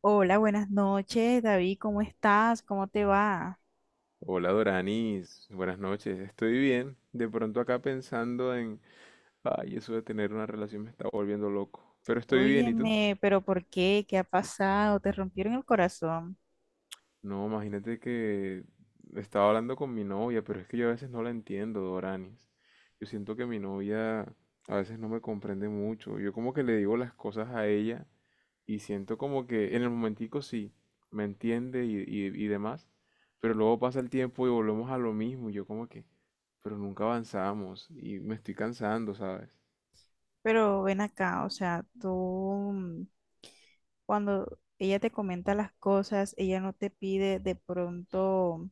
Hola, buenas noches, David, ¿cómo estás? ¿Cómo te va? Hola Doranis, buenas noches, estoy bien. De pronto acá pensando en, ay, eso de tener una relación me está volviendo loco. Pero estoy bien, ¿y tú? Óyeme, pero ¿por qué? ¿Qué ha pasado? Te rompieron el corazón. No, imagínate que estaba hablando con mi novia, pero es que yo a veces no la entiendo, Doranis. Yo siento que mi novia a veces no me comprende mucho. Yo como que le digo las cosas a ella. Y siento como que en el momentico sí, me entiende y demás, pero luego pasa el tiempo y volvemos a lo mismo. Y yo como que, pero nunca avanzamos y me estoy cansando, ¿sabes? Pero ven acá, o sea, tú mm, cuando ella te comenta las cosas, ella no te pide de pronto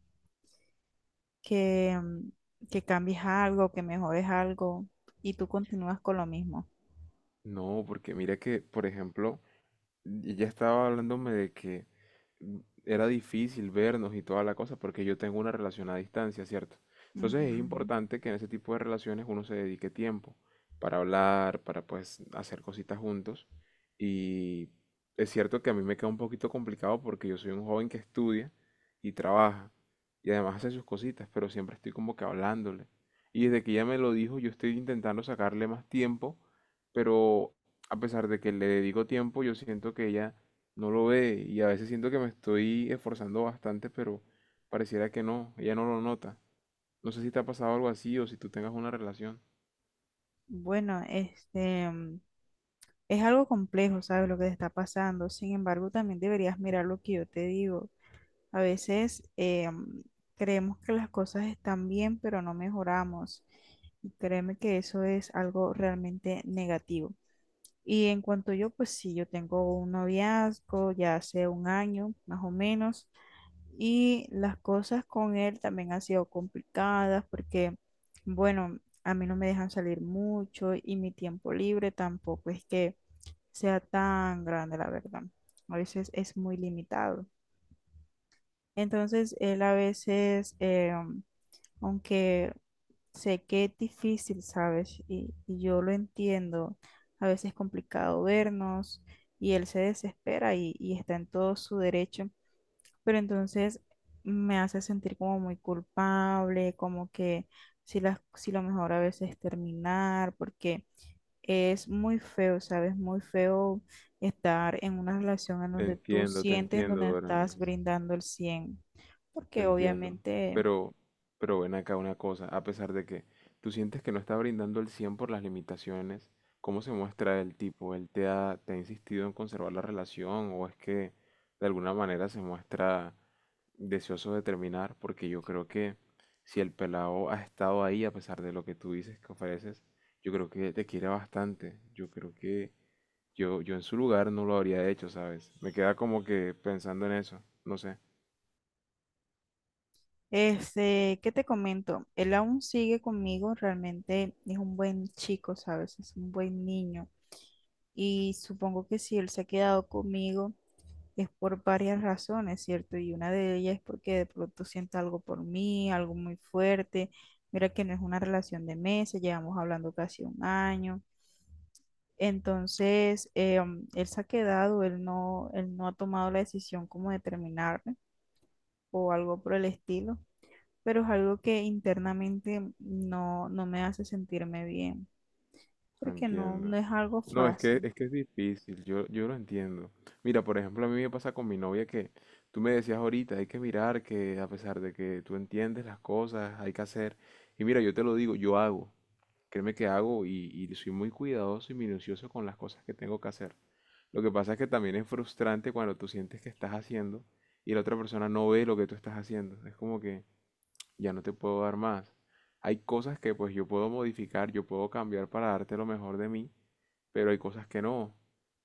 que, mm, que cambies algo, que mejores algo, y tú continúas con lo mismo. No, porque mira que, por ejemplo, y ya estaba hablándome de que mm, era difícil vernos y toda la cosa porque yo tengo una relación a distancia, ¿cierto? Entonces es Ujú. importante que en ese tipo de relaciones uno se dedique tiempo para hablar, para pues hacer cositas juntos. Y es cierto que a mí me queda un poquito complicado porque yo soy un joven que estudia y trabaja y además hace sus cositas, pero siempre estoy como que hablándole. Y desde que ella me lo dijo, yo estoy intentando sacarle más tiempo, pero a pesar de que le dedico tiempo, yo siento que ella no lo ve y a veces siento que me estoy esforzando bastante, pero pareciera que no, ella no lo nota. No sé si te ha pasado algo así o si tú tengas una relación. Bueno, es algo complejo, ¿sabes? Lo que te está pasando. Sin embargo, también deberías mirar lo que yo te digo. A veces creemos que las cosas están bien, pero no mejoramos. Y créeme que eso es algo realmente negativo. Y en cuanto yo, pues sí, yo tengo un noviazgo ya hace un año, más o menos, y las cosas con él también han sido complicadas porque, bueno, a mí no me dejan salir mucho y mi tiempo libre tampoco es que sea tan grande, la verdad. A veces es muy limitado. Entonces, él a veces, aunque sé que es difícil, ¿sabes? Y yo lo entiendo, a veces es complicado vernos y él se desespera y está en todo su derecho, pero entonces me hace sentir como muy culpable, como que si lo mejor a veces es terminar, porque es muy feo, ¿sabes? Muy feo estar en una relación en donde tú Te sientes, en entiendo, donde estás Doranis. brindando el 100 Te porque entiendo. obviamente, Pero, pero ven acá una cosa, a pesar de que tú sientes que no está brindando el 100 por las limitaciones, ¿cómo se muestra el tipo? ¿Él te ha insistido en conservar la relación o es que de alguna manera se muestra deseoso de terminar? Porque yo creo que si el pelado ha estado ahí, a pesar de lo que tú dices que ofreces, yo creo que te quiere bastante. Yo creo que yo en su lugar no lo habría hecho, ¿sabes? Me queda como que pensando en eso, no sé. ¿Qué te comento? Él aún sigue conmigo, realmente es un buen chico, ¿sabes? Es un buen niño. Y supongo que si él se ha quedado conmigo es por varias razones, ¿cierto? Y una de ellas es porque de pronto siente algo por mí, algo muy fuerte. Mira que no es una relación de meses, llevamos hablando casi un año. Entonces, él se ha quedado, él no ha tomado la decisión como de terminarme o algo por el estilo, pero es algo que internamente no me hace sentirme bien, No porque no, entiendo. no es algo No, es que, fácil. es que es difícil, yo lo entiendo. Mira, por ejemplo, a mí me pasa con mi novia que tú me decías ahorita, hay que mirar que a pesar de que tú entiendes las cosas, hay que hacer. Y mira, yo te lo digo, yo hago. Créeme que hago y soy muy cuidadoso y minucioso con las cosas que tengo que hacer. Lo que pasa es que también es frustrante cuando tú sientes que estás haciendo y la otra persona no ve lo que tú estás haciendo. Es como que, ya no te puedo dar más. Hay cosas que pues yo puedo modificar, yo puedo cambiar para darte lo mejor de mí, pero hay cosas que no.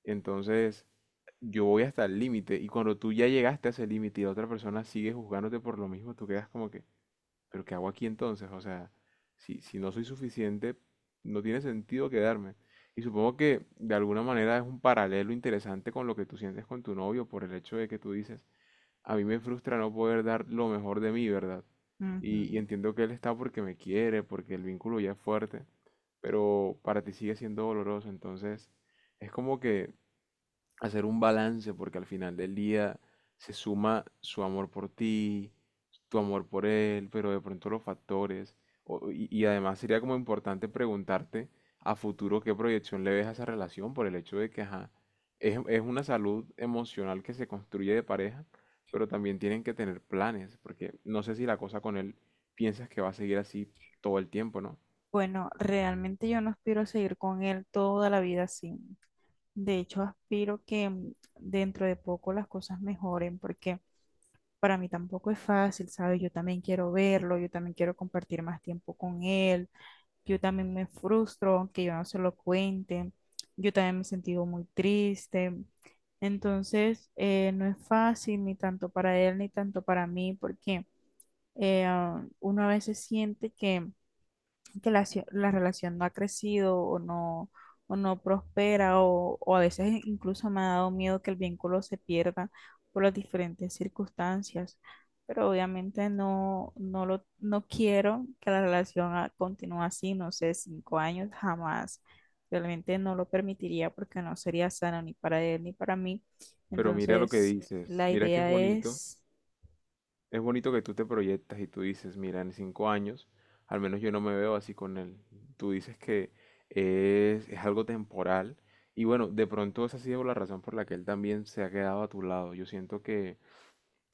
Entonces, yo voy hasta el límite y cuando tú ya llegaste a ese límite y la otra persona sigue juzgándote por lo mismo, tú quedas como que, pero ¿qué hago aquí entonces? O sea, si no soy suficiente, no tiene sentido quedarme. Y supongo que de alguna manera es un paralelo interesante con lo que tú sientes con tu novio por el hecho de que tú dices, a mí me frustra no poder dar lo mejor de mí, ¿verdad? Y Ujú. entiendo que él está porque me quiere, porque el vínculo ya es fuerte, pero para ti sigue siendo doloroso, entonces es como que hacer un balance, porque al final del día se suma su amor por ti, tu amor por él, pero de pronto los factores. Y además sería como importante preguntarte a futuro qué proyección le ves a esa relación por el hecho de que, ajá, es una salud emocional que se construye de pareja, pero también tienen que tener planes, porque no sé si la cosa con él piensas que va a seguir así todo el tiempo, ¿no? Bueno, realmente yo no aspiro a seguir con él toda la vida así. De hecho, aspiro que dentro de poco las cosas mejoren, porque para mí tampoco es fácil, ¿sabes? Yo también quiero verlo, yo también quiero compartir más tiempo con él. Yo también me frustro, aunque yo no se lo cuente. Yo también me he sentido muy triste. Entonces, no es fácil ni tanto para él ni tanto para mí, porque uno a veces siente que la relación no ha crecido o no prospera o a veces incluso me ha dado miedo que el vínculo se pierda por las diferentes circunstancias, pero obviamente no quiero que la relación continúe así, no sé, 5 años jamás. Realmente no lo permitiría porque no sería sano ni para él ni para mí. Pero mira lo que Entonces, dices, la mira que es idea bonito. es. Es bonito que tú te proyectas y tú dices, mira, en 5 años, al menos yo no me veo así con él. Tú dices que es algo temporal. Y bueno, de pronto esa ha sido la razón por la que él también se ha quedado a tu lado. Yo siento que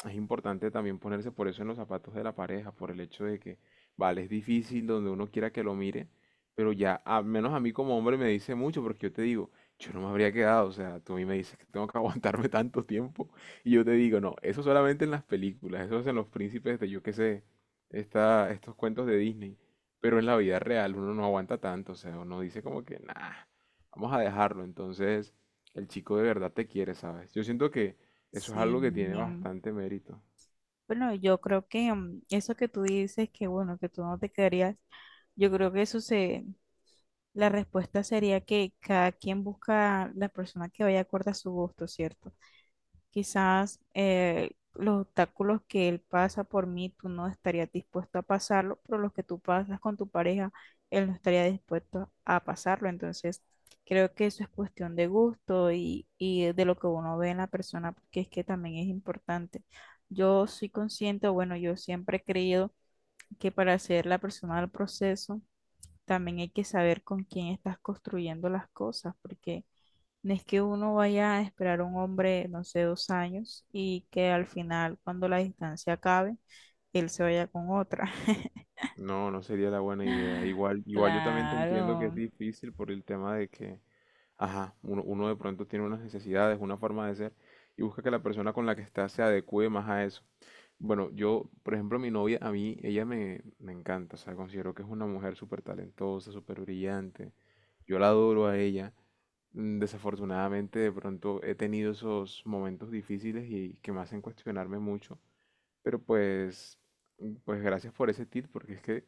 es importante también ponerse por eso en los zapatos de la pareja, por el hecho de que, vale, es difícil donde uno quiera que lo mire, pero ya, al menos a mí como hombre me dice mucho, porque yo te digo, yo no me habría quedado, o sea, tú a mí me dices que tengo que aguantarme tanto tiempo, y yo te digo, no, eso solamente en las películas, eso es en los príncipes de, yo qué sé, estos cuentos de Disney, pero en la vida real uno no aguanta tanto, o sea, uno dice como que, nah, vamos a dejarlo, entonces el chico de verdad te quiere, ¿sabes? Yo siento que eso es Si algo que tiene bastante mérito. Bueno, yo creo que eso que tú dices, que bueno, que tú no te quedarías, yo creo que la respuesta sería que cada quien busca la persona que vaya acorde a su gusto, ¿cierto? Quizás los obstáculos que él pasa por mí, tú no estarías dispuesto a pasarlo, pero los que tú pasas con tu pareja, él no estaría dispuesto a pasarlo. Entonces, creo que eso es cuestión de gusto y de lo que uno ve en la persona, porque es que también es importante. Yo soy consciente, bueno, yo siempre he creído que para ser la persona del proceso, también hay que saber con quién estás construyendo las cosas, porque no es que uno vaya a esperar a un hombre, no sé, 2 años y que al final, cuando la distancia acabe, él se vaya con otra. No, no sería la buena idea. Igual, igual yo también te entiendo que es Claro. difícil por el tema de que, ajá, uno de pronto tiene unas necesidades, una forma de ser, y busca que la persona con la que está se adecue más a eso. Bueno, yo, por ejemplo, mi novia, a mí, ella me encanta, o sea, considero que es una mujer súper talentosa, súper brillante. Yo la adoro a ella. Mm, desafortunadamente, de pronto he tenido esos momentos difíciles y que me hacen cuestionarme mucho. Pero pues, pues gracias por ese tip, porque es que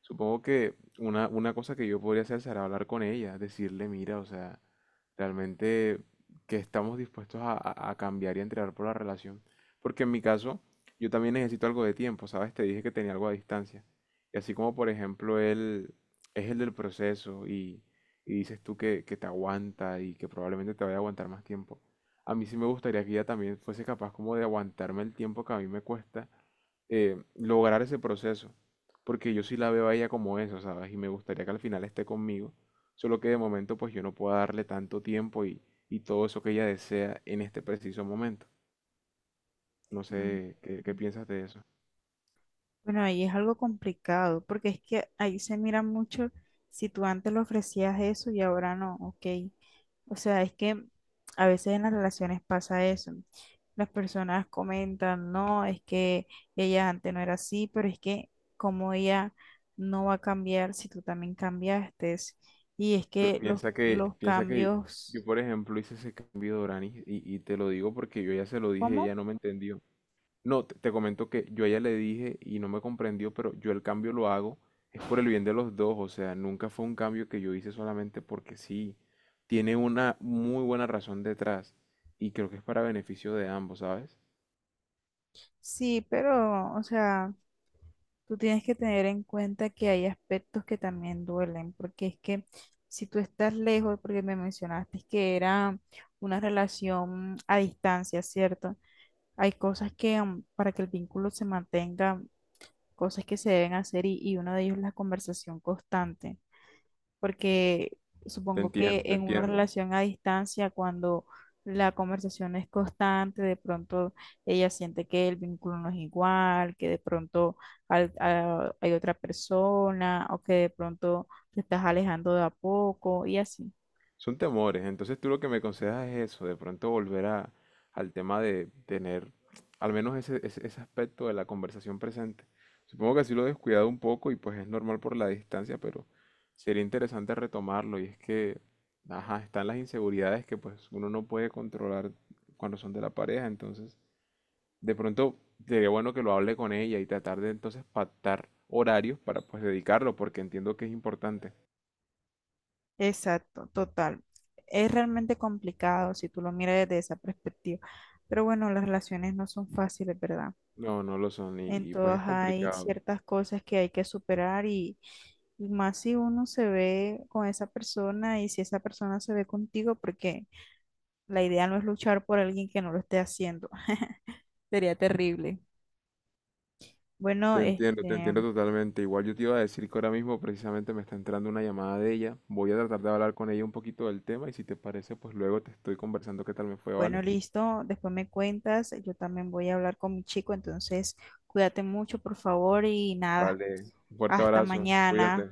supongo que una cosa que yo podría hacer será hablar con ella, decirle, mira, o sea, realmente que estamos dispuestos a, a cambiar y a entregar por la relación. Porque en mi caso, yo también necesito algo de tiempo, ¿sabes? Te dije que tenía algo a distancia. Y así como, por ejemplo, él es el del proceso y dices tú que te aguanta y que probablemente te vaya a aguantar más tiempo. A mí sí me gustaría que ella también fuese capaz como de aguantarme el tiempo que a mí me cuesta lograr ese proceso. Porque yo sí la veo a ella como eso, ¿sabes? Y me gustaría que al final esté conmigo. Solo que de momento pues yo no puedo darle tanto tiempo y todo eso que ella desea en este preciso momento. No Mm. sé qué, qué piensas de eso. Bueno, ahí es algo complicado, porque es que ahí se mira mucho si tú antes le ofrecías eso y ahora no, ok. O sea, es que a veces en las relaciones pasa eso, ¿no? Las personas comentan, no, es que ella antes no era así, pero es que como ella no va a cambiar si tú también cambiaste. Y es Pero que los, los piensa que yo, cambios, por ejemplo, hice ese cambio de Oranis y te lo digo porque yo ya se lo dije y ¿cómo? ella no me entendió. No, te comento que yo a ella le dije y no me comprendió, pero yo el cambio lo hago, es por el bien de los dos, o sea, nunca fue un cambio que yo hice solamente porque sí, tiene una muy buena razón detrás y creo que es para beneficio de ambos, ¿sabes? Sí, pero, o sea, tú tienes que tener en cuenta que hay aspectos que también duelen, porque es que si tú estás lejos, porque me mencionaste que era una relación a distancia, ¿cierto? Hay cosas que para que el vínculo se mantenga, cosas que se deben hacer y uno de ellos es la conversación constante, porque Te supongo que entiendo, te en una entiendo. relación a distancia, cuando la conversación es constante, de pronto ella siente que el vínculo no es igual, que de pronto hay otra persona o que de pronto te estás alejando de a poco y así. Son temores, entonces tú lo que me aconsejas es eso, de pronto volver a, al tema de tener al menos ese aspecto de la conversación presente. Supongo que así lo he descuidado un poco y pues es normal por la distancia, pero sería interesante retomarlo y es que, ajá, están las inseguridades que pues uno no puede controlar cuando son de la pareja, entonces de pronto sería bueno que lo hable con ella y tratar de entonces pactar horarios para pues dedicarlo, porque entiendo que es importante. Exacto, total. Es realmente complicado si tú lo miras desde esa perspectiva. Pero bueno, las relaciones no son fáciles, ¿verdad? No, no lo son En y pues es todas hay complicado. ciertas cosas que hay que superar y más si uno se ve con esa persona y si esa persona se ve contigo, porque la idea no es luchar por alguien que no lo esté haciendo. Sería terrible. Bueno, Te este, entiendo totalmente. Igual yo te iba a decir que ahora mismo precisamente me está entrando una llamada de ella. Voy a tratar de hablar con ella un poquito del tema y si te parece, pues luego te estoy conversando qué tal me fue, bueno, ¿vale? listo. Después me cuentas. Yo también voy a hablar con mi chico, entonces cuídate mucho, por favor, y nada. Vale. Un fuerte Hasta abrazo. mañana. Cuídate.